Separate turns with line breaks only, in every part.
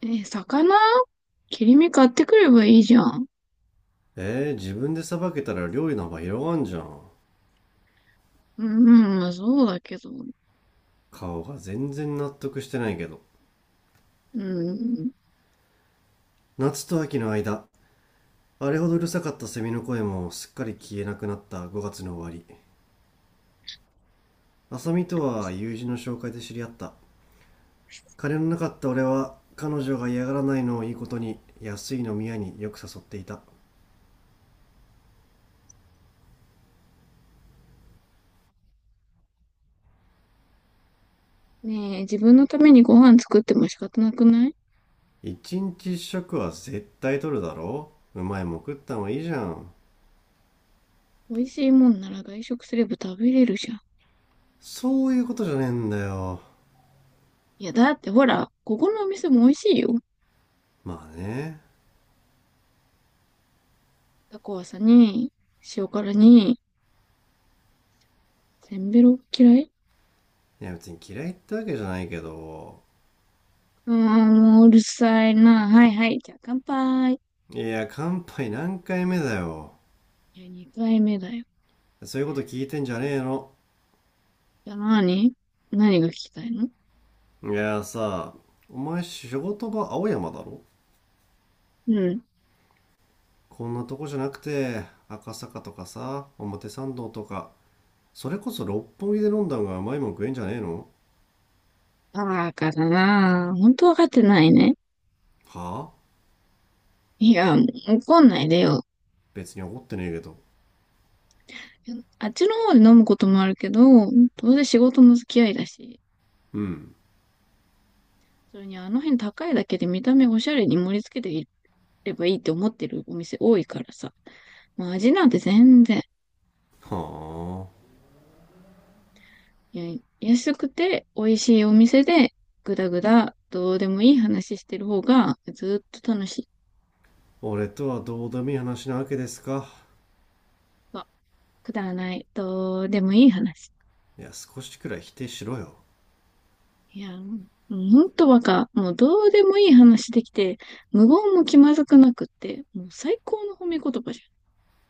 え、魚切り身買ってくればいいじゃん。
自分でさばけたら料理の幅広がんじゃん。
うん、まあそうだけど。
顔が全然納得してないけど。
うん。
夏と秋の間、あれほどうるさかったセミの声もすっかり消えなくなった5月の終わり。浅見とは友人の紹介で知り合った。金のなかった俺は彼女が嫌がらないのをいいことに安い飲み屋によく誘っていた。
ねえ、自分のためにご飯作っても仕方なくない？
一日一食は絶対取るだろう。うまいもん食ったのはいいじゃん。
美味しいもんなら外食すれば食べれるじゃん。
そういうことじゃねえんだよ。
いや、だってほら、ここのお店も美味しいよ。
まあね。
タコワサに、塩辛に、せんべろ嫌い？
いや別に嫌いってわけじゃないけど、
ああもううるさいな。はいはい。じゃあ乾杯。
いや、乾杯何回目だよ。
いや、二回目だよ。
そういうこと聞いてんじゃねえの。
じゃあ何が聞きたいの？
いやさ、お前仕事場青山だろ。
うん。
こんなとこじゃなくて、赤坂とかさ、表参道とか、それこそ六本木で飲んだ方が甘いもん食えんじゃねえの。
バカだな。本当わかってないね。
はあ。
いや、怒んないでよ。
別に怒ってねえけど。
あっちの方で飲むこともあるけど、どうせ仕事の付き合いだし、
うん。
それにあの辺高いだけで見た目おしゃれに盛り付けていればいいって思ってるお店多いからさ。まあ味なんて全然、
はあ。
いや安くて美味しいお店で、ぐだぐだどうでもいい話してる方がずっと楽しい。
俺とはどうでもいい話なわけですか。
まあくだらない、どうでもいい話。
いや、少しくらい否定しろよ。
いや、もうんほんとバカ。もうどうでもいい話できて、無言も気まずくなくって、もう最高の褒め言葉じゃ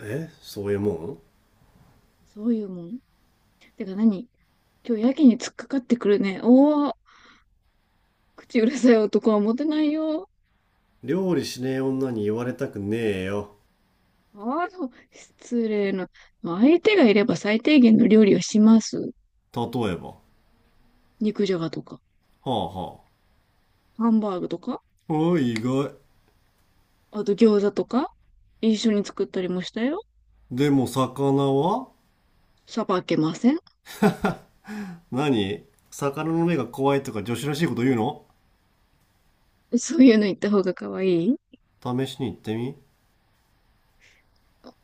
えそういうもん？
ん。そういうもん。てか何？今日やけに突っかかってくるね。おお、口うるさい男はモテないよ。
料理しねえ女に言われたくねえよ。
ああ、そう失礼な。相手がいれば最低限の料理をします。
例えば。は
肉じゃがとか、
あはあ。
ハンバーグとか、
おい、意外。
あと餃子とか、一緒に作ったりもしたよ。
でも、魚は？
さばけません。
何？魚の目が怖いとか女子らしいこと言うの？
そういうの言った方が可愛い？
試しに行ってみ。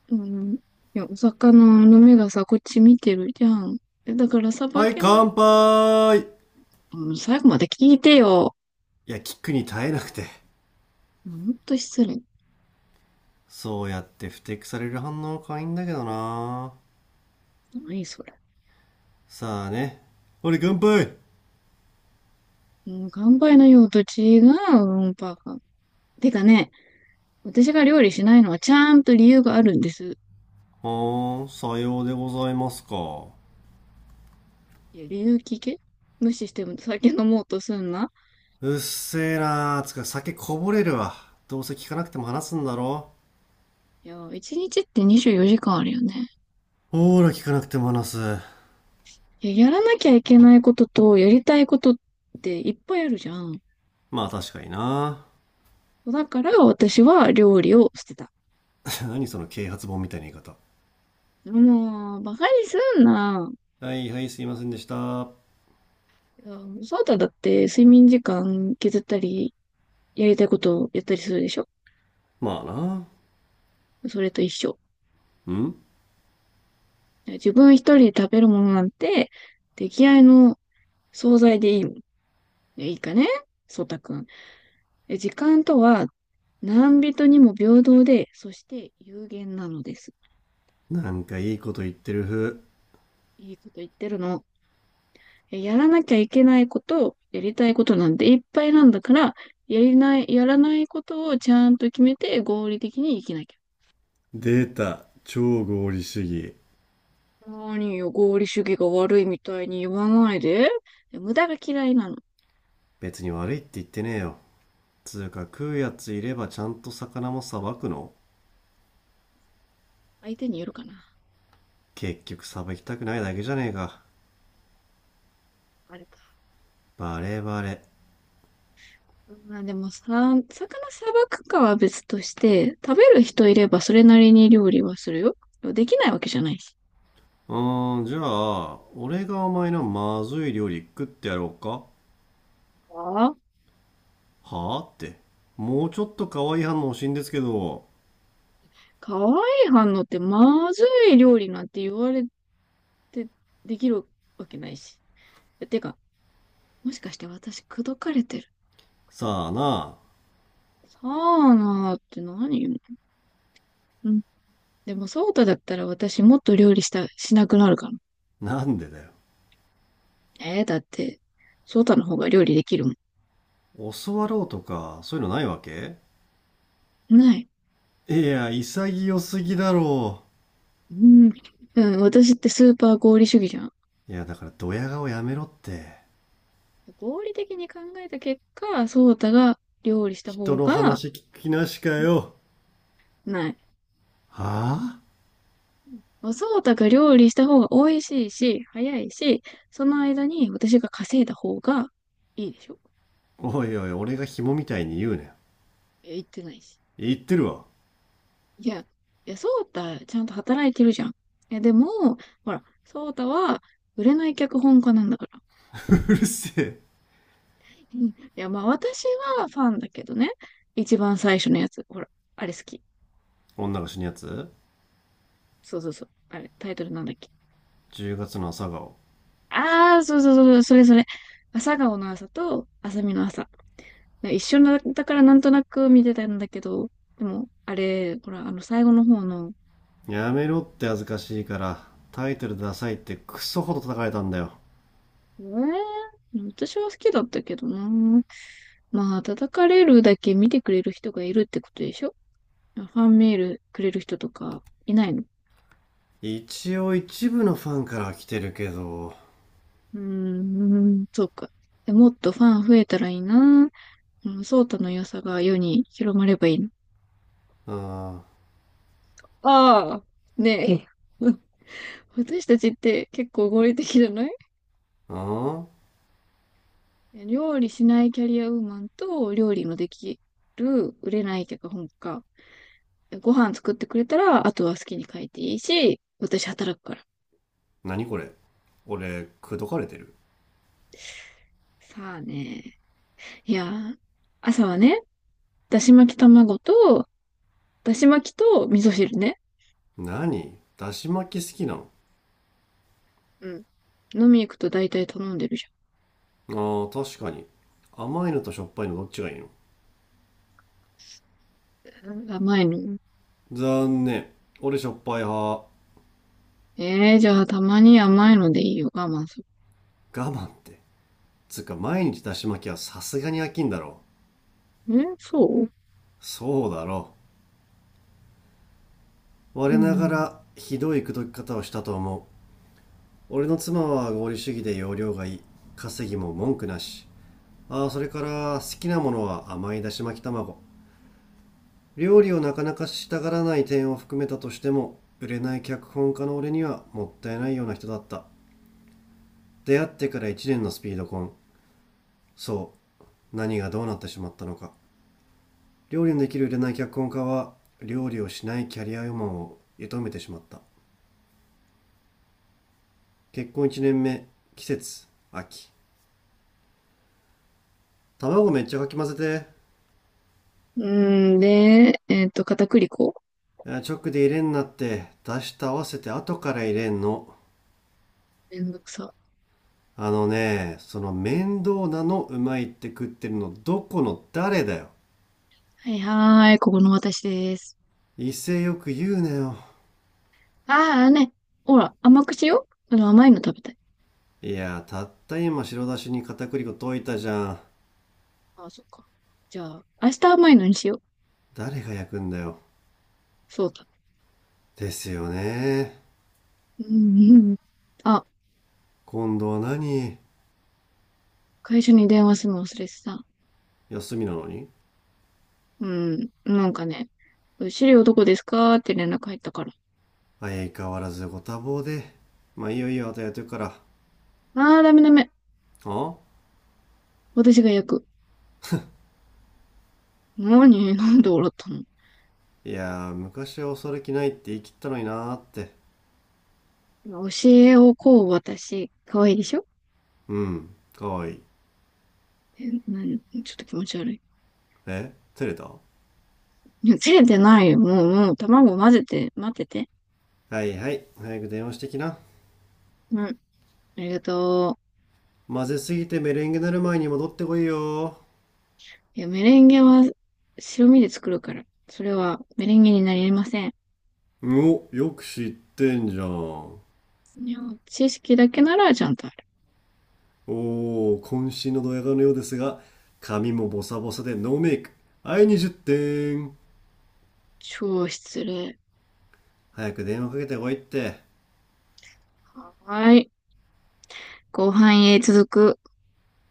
うん。いや、お魚の目がさ、こっち見てるじゃん。えだからさば
はい、
けない。
乾杯。い
うん、最後まで聞いてよ。
や、キックに耐えなくて。
ほんと失礼。
そうやって不適される反応可愛いんだけどな。
何それ。
さあね。俺乾杯。
うん、乾杯の用途違う、うんぱてか、私が料理しないのはちゃんと理由があるんです。
ほーん、さようでございますか。
いや、理由聞け。無視しても酒飲もうとすんな。
うっせえなー。つか酒こぼれるわ。どうせ聞かなくても話すんだろ。
いや、一日って24時間あるよね。
ほーら、聞かなくても話す。
いや、やらなきゃいけないことと、やりたいことっていっぱいあるじゃん。
まあ確かにな。
だから私は料理を捨てた。
何その啓発本みたいな言い方。
もう、バカにすんな。
はいはい、すいませんでした。ま
いやそうただって睡眠時間削ったり、やりたいことをやったりするでしょ？
あな。
それと一緒。
うん。
自分一人で食べるものなんて、出来合いの惣菜でいいもん。いいかね、そうたくん。え、時間とは、何人にも平等で、そして有限なのです。
なんかいいこと言ってる風。
いいこと言ってるの。やらなきゃいけないこと、やりたいことなんていっぱいなんだから、やらないことをちゃんと決めて合理的に生きなきゃ。
出た、超合理主義。
何よ、合理主義が悪いみたいに言わないで。無駄が嫌いなの。
別に悪いって言ってねえよ。つうか食うやついればちゃんと魚もさばくの？
相手によるかな。
結局さばきたくないだけじゃねえか。
あれか。
バレバレ。
うんまあでもさ、魚さばくかは別として、食べる人いればそれなりに料理はするよ。できないわけじゃないし。
うーん、じゃあ、俺がお前のまずい料理食ってやろうか。
ああ、
はあって。もうちょっと可愛い反応欲しいんですけど。
かわいい反応ってまずい料理なんて言われてできるわけないし。てか、もしかして私口説かれてる？
さあな、
さあなーって何よ。うん。でも、そうただったら私もっと料理した、しなくなるかな。
なんでだよ。
えー、だって、ソータの方が料理できるもん。
教わろうとか、そういうのないわけ？
ない。
いや、潔すぎだろ
うん。うん、私ってスーパー合理主義じゃん。
う。いや、だからドヤ顔やめろって。
合理的に考えた結果、ソータが料理した
人
方
の
が、
話聞きなしかよ。
ない。
はぁ、あ、
ソータが料理した方が美味しいし、早いし、その間に私が稼いだ方がいいでしょ。
おいおい、俺が紐みたいに言うね。
え、言ってないし。
言ってるわ。
いや、ソータちゃんと働いてるじゃん。え、でも、ほら、ソータは売れない脚本家なんだから。
うるせえ。
うんいや、まあ私はファンだけどね。一番最初のやつ。ほら、あれ好き。
女が死ぬやつ
そうそうそう。あれ、タイトルなんだっけ。
?10 月の朝顔。
ああ、そうそうそう、それそれ。朝顔の朝と朝見の朝。一緒なだからなんとなく見てたんだけど、でも、あれ、ほら、最後の方の、
やめろって恥ずかしいから、タイトルダサいってクソほど叩かれたんだよ。
えー、私は好きだったけどな。まあ、叩かれるだけ見てくれる人がいるってことでしょ？ファンメールくれる人とかいないの？
一応一部のファンから来てるけど。
うーん、そうか。でもっとファン増えたらいいな。うん、ソータの良さが世に広まればいいな。
あー、
ああ、ねえ。うん、私たちって結構合理的じゃない？
あー。
料理しないキャリアウーマンと料理のできる売れない脚本家。ご飯作ってくれたら、あとは好きに書いていいし、私働くから。
何これ？俺、くどかれてる？
さあね。いやー、朝はね、だし巻き卵と、だし巻きと味噌汁ね。
何？だし巻き好きなの？
うん。飲み行くと大体頼んでるじ
あー確かに。甘いのとしょっぱいのどっちがいいの？
ゃん。甘いの。
残念。俺しょっぱい派。我
えー、じゃあたまに甘いのでいいよ。我慢する。
慢って？つうか毎日だし巻きはさすがに飽きんだろ。
え、そう？
そうだろう。
う
我なが
ん。
らひどい口説き方をしたと思う。俺の妻は合理主義で容量がいい。稼ぎも文句なし。ああ、それから好きなものは甘いだし巻き卵。料理をなかなかしたがらない点を含めたとしても売れない脚本家の俺にはもったいないような人だった。出会ってから1年のスピード婚。そう、何がどうなってしまったのか。料理のできる売れない脚本家は料理をしないキャリアウーマンを射止めてしまった。結婚1年目。季節、秋。卵めっちゃかき混ぜ
うん、で、片栗粉。
て。あ、直で入れんなって。出した合わせて後から入れんの。
めんどくさ。
あのね、その面倒なのうまいって食ってるのどこの誰だよ。
はいはーい、ここの私です。
威勢よく言うなよ。
ああね、ほら、甘くしよう。甘いの食べたい。
いやたった今白だしに片栗粉溶いたじゃん。
ああ、そっか。じゃあ、明日甘いのにしよう。
誰が焼くんだよ。
そうだ。
ですよね。
うん、うん。あ、
今度は何？
会社に電話するの忘れてた。
休みなのに？
うん、なんかね、資料どこですかって連絡入ったから。
相変わらずご多忙で。まあいいよいいよ、あとやってるから。
ああ、ダメダメ。
あ、
私が焼く。何？ なんで笑った
いやー、昔は恐れ気ないって言い切ったのになーって。
の？教えをこう私。可愛いでしょ？
うん、かわいい。
え、何ちょっと気持ち悪い。
え、照れた？
いや、照れてないよ。もう、もう、卵混ぜて、待ってて。
はいはい、早く電話してきな。
うん。ありがと
混ぜすぎてメレンゲなる前に戻ってこいよ。
う。いや、メレンゲは白身で作るから。それはメレンゲになりません。
お、よく知ってんじゃん。お
いや、知識だけならちゃんとある。
ー、渾身のドヤ顔のようですが、髪もボサボサでノーメイク。はい、20点。
超失礼。
早く電話かけてこいって。
はーい。後半へ続く。